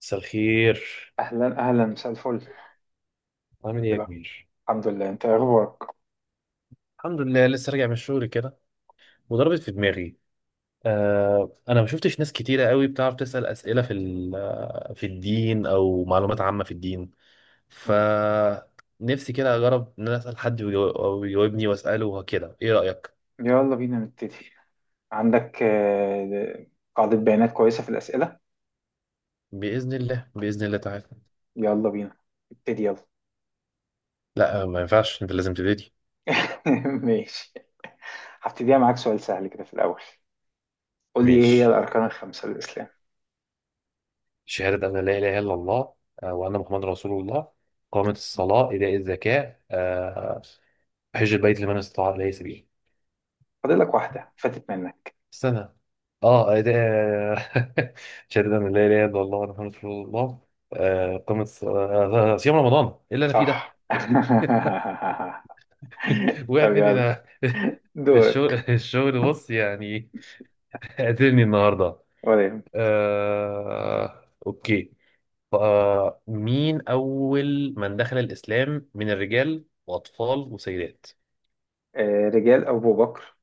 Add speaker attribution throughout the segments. Speaker 1: مساء الخير.
Speaker 2: أهلا أهلا، مساء الفل.
Speaker 1: عامل ايه
Speaker 2: إيه
Speaker 1: يا
Speaker 2: ده؟
Speaker 1: كبير؟
Speaker 2: الحمد لله، أنت إيه أخبارك؟
Speaker 1: الحمد لله، لسه راجع من الشغل كده وضربت في دماغي. آه انا ما شفتش ناس كتيره قوي بتعرف تسأل اسئله في في الدين او معلومات عامه في الدين. ف
Speaker 2: مم.
Speaker 1: نفسي كده اجرب ان انا اسال حد ويجاو- او يجاوبني واساله وكده، ايه رايك؟
Speaker 2: يلا بينا نبتدي. عندك قاعدة بيانات كويسة في الأسئلة.
Speaker 1: باذن الله، باذن الله تعالى.
Speaker 2: يلا بينا نبتدي، يلا.
Speaker 1: لا ما ينفعش، انت لازم تبتدي.
Speaker 2: ماشي، هبتديها معاك سؤال سهل كده في الأول. قول لي إيه هي
Speaker 1: ماشي،
Speaker 2: الأركان الخمسة للإسلام.
Speaker 1: شهاده ان لا اله الا الله وان محمد رسول الله، قامت الصلاه، ايتاء الزكاه، حج البيت لمن استطاع إليه سبيلا.
Speaker 2: فاضل لك واحدة فاتت منك.
Speaker 1: استنى، اه ده شهادة أن لا إله إلا الله وأن محمد رسول الله، قامت ص- آه، آه، آه، صيام رمضان. إيه اللي أنا فيه ده؟
Speaker 2: صح.
Speaker 1: وقعت
Speaker 2: طب
Speaker 1: مني
Speaker 2: يلا،
Speaker 1: أنا. الشغل
Speaker 2: دورك.
Speaker 1: الشغل بص، يعني قاتلني النهاردة.
Speaker 2: ولا يهمك.
Speaker 1: أوكي. مين أول من دخل الإسلام من الرجال وأطفال وسيدات؟
Speaker 2: رجال أبو بكر،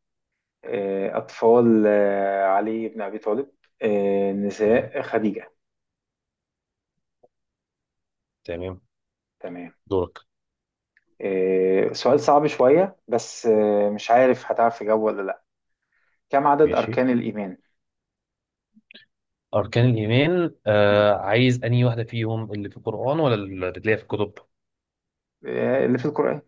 Speaker 2: أطفال علي بن أبي طالب،
Speaker 1: تمام،
Speaker 2: نساء خديجة.
Speaker 1: تمام.
Speaker 2: تمام.
Speaker 1: دورك.
Speaker 2: سؤال صعب شوية، بس مش عارف هتعرف تجاوب ولا لأ. كم عدد
Speaker 1: ماشي،
Speaker 2: أركان الإيمان؟
Speaker 1: أركان الإيمان،
Speaker 2: مم.
Speaker 1: آه، عايز أنهي واحدة فيهم، اللي في القرآن ولا اللي تلاقيها في الكتب؟
Speaker 2: اللي في القرآن.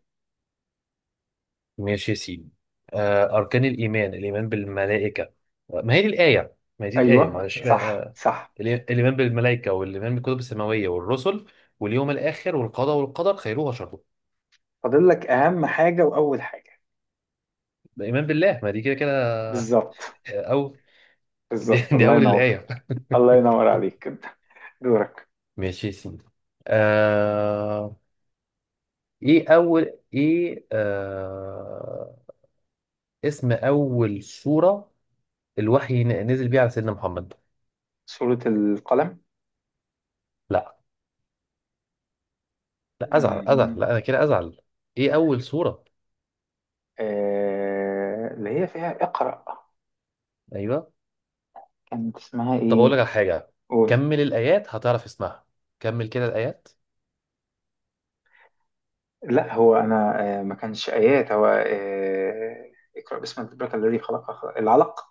Speaker 1: ماشي يا سيدي. آه، أركان الإيمان: الإيمان بالملائكة. ما هي دي الآية،
Speaker 2: أيوه
Speaker 1: معلش
Speaker 2: صح
Speaker 1: آه.
Speaker 2: صح.
Speaker 1: الإي- الإيمان بالملائكة والإيمان بالكتب السماوية والرسل واليوم الآخر والقضاء والقدر خيره وشره.
Speaker 2: فاضل لك أهم حاجة وأول حاجة.
Speaker 1: الإيمان بالله، ما دي كده كده.
Speaker 2: بالظبط.
Speaker 1: أو دي,
Speaker 2: بالظبط،
Speaker 1: دي
Speaker 2: الله
Speaker 1: أول
Speaker 2: ينور.
Speaker 1: الآية.
Speaker 2: الله ينور عليك كده. دورك.
Speaker 1: ماشي يا سيدي. آه... إيه أول إيه آه... اسم أول سورة الوحي نزل بيه على سيدنا محمد؟
Speaker 2: سورة القلم.
Speaker 1: لا، لا ازعل،
Speaker 2: مم.
Speaker 1: ازعل، لا انا كده ازعل. ايه اول سورة؟
Speaker 2: اللي هي فيها اقرأ.
Speaker 1: ايوه.
Speaker 2: كانت اسمها
Speaker 1: طب اقول لك
Speaker 2: إيه؟
Speaker 1: على حاجة،
Speaker 2: قول.
Speaker 1: كمل الايات هتعرف اسمها، كمل كده الايات.
Speaker 2: لا، هو انا ما كانش ايات، هو اقرا باسم ربك الذي خلق، العلق.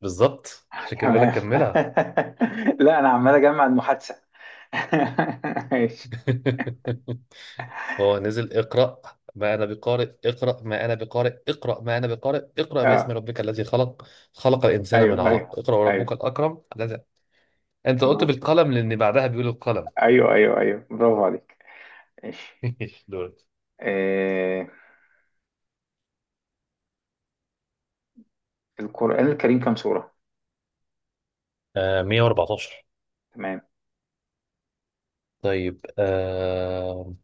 Speaker 1: بالظبط، عشان كده بقول لك
Speaker 2: تمام.
Speaker 1: كملها.
Speaker 2: لا انا عمال اجمع المحادثه. ماشي.
Speaker 1: هو نزل اقرأ. ما انا بقارئ، اقرأ ما انا بقارئ، اقرأ ما انا بقارئ، اقرأ باسم
Speaker 2: اه،
Speaker 1: ربك الذي خلق، خلق الانسان من
Speaker 2: ايوه ايوه
Speaker 1: علق، اقرأ وربك
Speaker 2: ايوه،
Speaker 1: الاكرم الذي. انت قلت
Speaker 2: برافو.
Speaker 1: بالقلم لان بعدها بيقول القلم.
Speaker 2: ايوه ايوه ايوه، برافو عليك. ماشي.
Speaker 1: دول.
Speaker 2: آه، القران الكريم كام سوره؟
Speaker 1: آه، 114.
Speaker 2: تمام.
Speaker 1: طيب آه،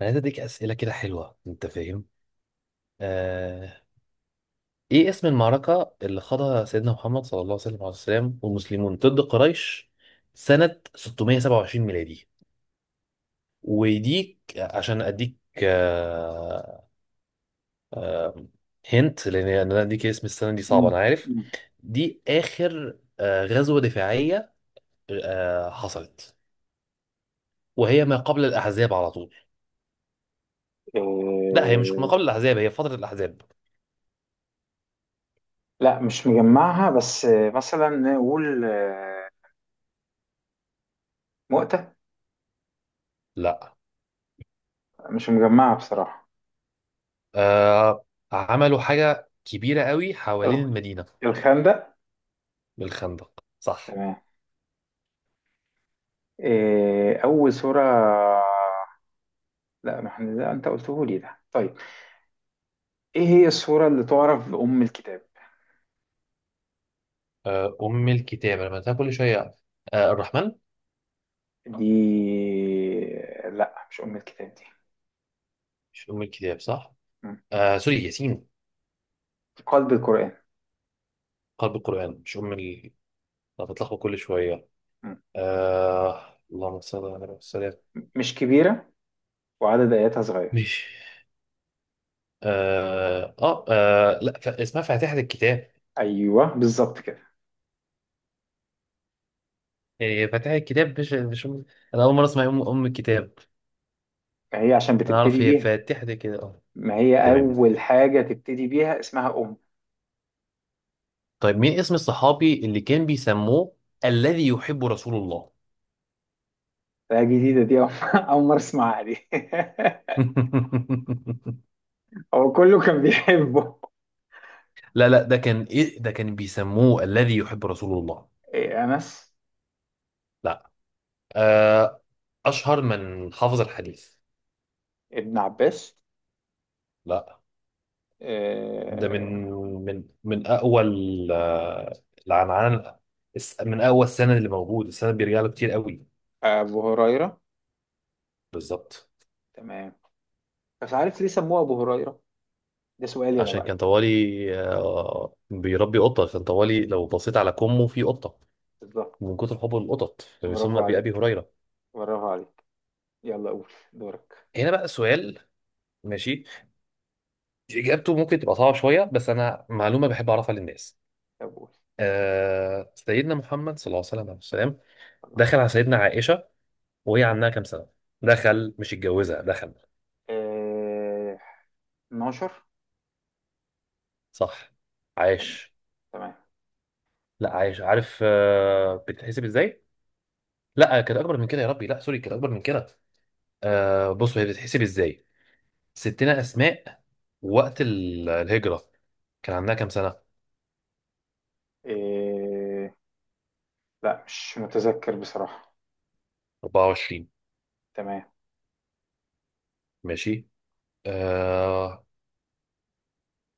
Speaker 1: انا عايز اديك اسئله كده حلوه، انت فاهم. آه... ايه اسم المعركه اللي خاضها سيدنا محمد صلى الله عليه وسلم والمسلمون ضد قريش سنه 627 ميلادي؟ ويديك عشان اديك، آه... هنت لان انا اديك اسم السنه، دي
Speaker 2: مم.
Speaker 1: صعبه، انا عارف.
Speaker 2: مم.
Speaker 1: دي اخر آه غزوه دفاعيه آه حصلت، وهي ما قبل الاحزاب على طول. لا، هي مش ما قبل
Speaker 2: آه،
Speaker 1: الاحزاب، هي فتره الاحزاب.
Speaker 2: لا، مش مجمعها، بس مثلا نقول، مؤتة.
Speaker 1: لا،
Speaker 2: مش مجمعها بصراحه.
Speaker 1: آه... عملوا حاجه كبيرة قوي حوالين المدينة.
Speaker 2: الخندق.
Speaker 1: بالخندق، صح.
Speaker 2: تمام. إيه أول سورة؟ لا، ما احنا لا، أنت قلته لي ده. طيب، إيه هي السورة اللي تعرف بأم الكتاب؟
Speaker 1: أم الكتاب، أنا بنتها كل شوية. الرحمن.
Speaker 2: دي؟ لا، مش أم الكتاب دي.
Speaker 1: مش أم الكتاب، صح.
Speaker 2: مم.
Speaker 1: سوري، ياسين،
Speaker 2: قلب القرآن.
Speaker 1: قلب القرآن. مش أم ال أنا بتلخبط كل شوية.
Speaker 2: مم.
Speaker 1: اللهم صل على النبي والسلام.
Speaker 2: مش كبيرة، وعدد آياتها صغير.
Speaker 1: مش لا اسمها فاتحة الكتاب.
Speaker 2: أيوه بالظبط كده.
Speaker 1: يعني هي فاتحة الكتاب، مش أم... أنا أول مرة أسمع أم الكتاب.
Speaker 2: ما هي عشان
Speaker 1: أنا أعرف
Speaker 2: بتبتدي
Speaker 1: هي
Speaker 2: بيها.
Speaker 1: فاتحة كده، أه.
Speaker 2: ما هي
Speaker 1: تمام.
Speaker 2: أول حاجة تبتدي بيها اسمها أم.
Speaker 1: طيب، مين اسم الصحابي اللي كان بيسموه الذي يحب رسول الله؟
Speaker 2: ده جديدة دي، أول أول مرة أسمعها دي. هو كله كان بيحبه.
Speaker 1: لا لا، ده كان ايه، ده كان بيسموه الذي يحب رسول الله.
Speaker 2: إيه، أنس؟
Speaker 1: لا. آه، اشهر من حافظ الحديث.
Speaker 2: ابن عباس؟
Speaker 1: لا، ده من،
Speaker 2: آه،
Speaker 1: من اقوى العنعان، من اقوى السند اللي موجود، السند بيرجع له كتير قوي.
Speaker 2: أبو هريرة.
Speaker 1: بالظبط.
Speaker 2: تمام. بس عارف ليه سموه أبو هريرة؟ ده سؤالي أنا
Speaker 1: عشان
Speaker 2: بقى.
Speaker 1: كان طوالي بيربي قطه، كان طوالي لو بصيت على كمه في قطه.
Speaker 2: بالظبط.
Speaker 1: من كتر حبه للقطط
Speaker 2: برافو
Speaker 1: فبيسمى بأبي
Speaker 2: عليك.
Speaker 1: هريره.
Speaker 2: برافو عليك. يلا قول، دورك.
Speaker 1: هنا بقى سؤال. ماشي، اجابته ممكن تبقى صعبه شويه، بس انا معلومه بحب اعرفها للناس.
Speaker 2: طب قول.
Speaker 1: آه، سيدنا محمد صلى الله عليه وسلم
Speaker 2: صلى الله
Speaker 1: دخل على
Speaker 2: عليه
Speaker 1: سيدنا
Speaker 2: وسلم.
Speaker 1: عائشة وهي عندها كام سنة؟ دخل، مش اتجوزها، دخل.
Speaker 2: آه... 12.
Speaker 1: صح.
Speaker 2: تمام
Speaker 1: عايش.
Speaker 2: تمام.
Speaker 1: لا، عايش، عارف آه بتتحسب ازاي. لا، كانت اكبر من كده، يا ربي، لا سوري، كانت اكبر من كده. آه، بصوا هي بتتحسب ازاي. ستنا اسماء وقت الهجرة كان عندها كام سنة؟
Speaker 2: آه... لا، مش متذكر بصراحة.
Speaker 1: 24.
Speaker 2: تمام.
Speaker 1: ماشي آه،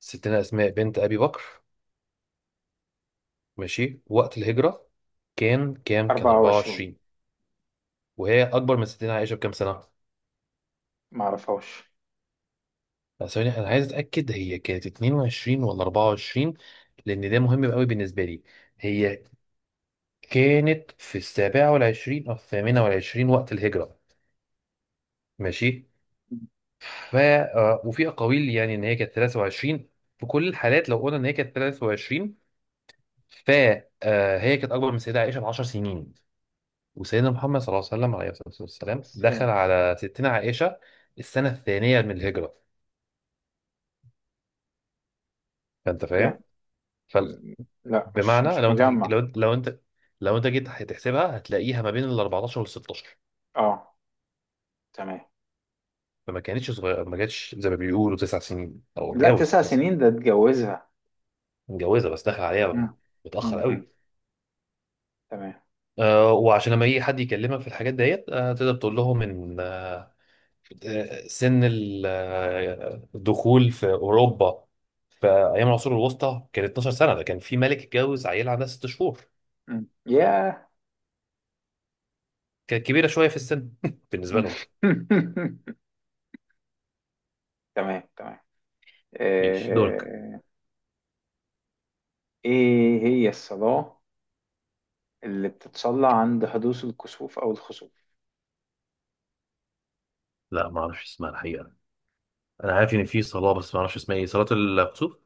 Speaker 1: ستنا اسماء بنت ابي بكر، ماشي، وقت الهجرة كان كام؟ كان
Speaker 2: 24.
Speaker 1: 24. وهي اكبر من سيدنا عائشه بكام سنه؟
Speaker 2: ما أعرفهاش.
Speaker 1: لا، ثواني، انا عايز اتاكد، هي كانت 22 ولا 24؟ لان ده مهم قوي بالنسبه لي. هي كانت في السابعه والعشرين او الثامنه والعشرين وقت الهجره. ماشي. ف آه، وفي اقاويل يعني ان هي كانت 23. في كل الحالات، لو قلنا ان هي كانت 23، ف آه، هي كانت اكبر من سيدنا عائشه ب 10 سنين. وسيدنا محمد صلى الله عليه وسلم، عليه الصلاه والسلام،
Speaker 2: بس
Speaker 1: دخل
Speaker 2: تمام،
Speaker 1: على ستنا عائشه السنه الثانيه من الهجره. فانت فاهم،
Speaker 2: يعني، م- لا، مش
Speaker 1: بمعنى
Speaker 2: مش
Speaker 1: لو انت
Speaker 2: مجمع.
Speaker 1: لو انت جيت هتحسبها هتلاقيها ما بين ال 14 وال 16.
Speaker 2: اه، تمام.
Speaker 1: فما كانتش صغيره، ما كانتش زي ما بيقولوا تسع سنين، او
Speaker 2: لا،
Speaker 1: اتجوز
Speaker 2: تسع
Speaker 1: تسع سنين.
Speaker 2: سنين ده اتجوزها.
Speaker 1: متجوزه بس داخل عليها
Speaker 2: مم.
Speaker 1: متاخر
Speaker 2: مم. مم.
Speaker 1: قوي.
Speaker 2: تمام.
Speaker 1: آه، وعشان لما يجي حد يكلمك في الحاجات ديت، آه تقدر تقول لهم ان آه، سن الدخول في اوروبا في ايام العصور الوسطى كان 12 سنه. ده كان في ملك اتجوز عيله عندها ست شهور،
Speaker 2: ياه.
Speaker 1: كانت كبيره شويه في السن بالنسبه لهم.
Speaker 2: تمام تمام.
Speaker 1: ماشي، دورك.
Speaker 2: آه، ايه هي الصلاة اللي بتتصلى عند حدوث الكسوف او الخسوف؟
Speaker 1: لا، ما اعرفش اسمها الحقيقه، انا عارف ان في صلاه بس ما اعرفش اسمها، ايه، صلاه الكسوف؟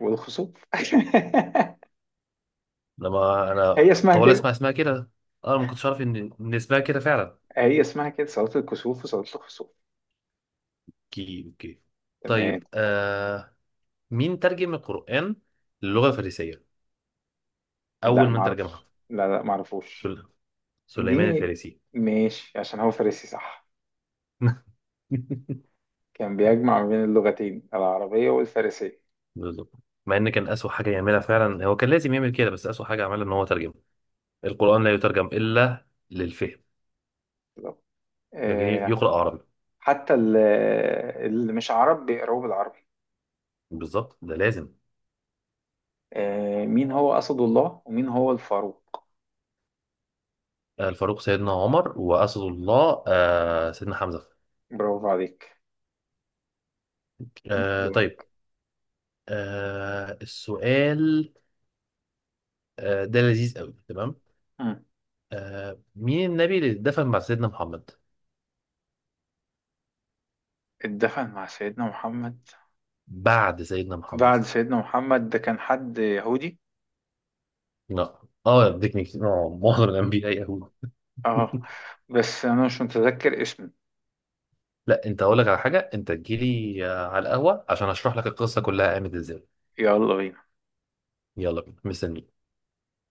Speaker 2: والخسوف.
Speaker 1: لما
Speaker 2: هي
Speaker 1: انا
Speaker 2: اسمها
Speaker 1: طوال
Speaker 2: كده.
Speaker 1: اسمع اسمها كده، انا ما كنتش عارف ان اسمها كده فعلا.
Speaker 2: هي اسمها كده، صلاة الكسوف وصلاة الخسوف.
Speaker 1: اوكي، اوكي.
Speaker 2: تمام.
Speaker 1: طيب آه، مين ترجم القران للغه الفارسيه؟
Speaker 2: لا
Speaker 1: اول من ترجمها،
Speaker 2: معرفش، لا معرفوش
Speaker 1: سل...
Speaker 2: دي.
Speaker 1: سليمان الفارسي.
Speaker 2: ماشي، عشان هو فارسي صح. كان بيجمع ما بين اللغتين العربية والفارسية.
Speaker 1: بالظبط. مع ان كان اسوء حاجه يعملها، فعلا هو كان لازم يعمل كده، بس اسوء حاجه عملها ان هو ترجم. القران لا يترجم الا للفهم،
Speaker 2: بالظبط.
Speaker 1: لكن
Speaker 2: آه،
Speaker 1: يقرا عربي.
Speaker 2: حتى اللي مش عرب بيقراوه بالعربي.
Speaker 1: بالظبط، ده لازم.
Speaker 2: مين هو أسد الله ومين هو الفاروق؟
Speaker 1: الفاروق سيدنا عمر، وأسد الله سيدنا حمزة.
Speaker 2: برافو عليك.
Speaker 1: طيب.
Speaker 2: دورك.
Speaker 1: السؤال ده لذيذ قوي، تمام.
Speaker 2: مم.
Speaker 1: مين النبي اللي اتدفن بعد سيدنا محمد؟
Speaker 2: اتدفن مع سيدنا محمد؟
Speaker 1: بعد سيدنا محمد.
Speaker 2: بعد سيدنا محمد، ده كان حد يهودي.
Speaker 1: لا، اه اديكني كتير، معظم الانبياء يهود.
Speaker 2: اه، بس أنا مش متذكر اسمه.
Speaker 1: لا، انت اقول لك على حاجه، انت تجيلي على القهوه عشان اشرح لك القصه كلها قامت ازاي.
Speaker 2: يلا بينا.
Speaker 1: يلا بينا، مستنيك.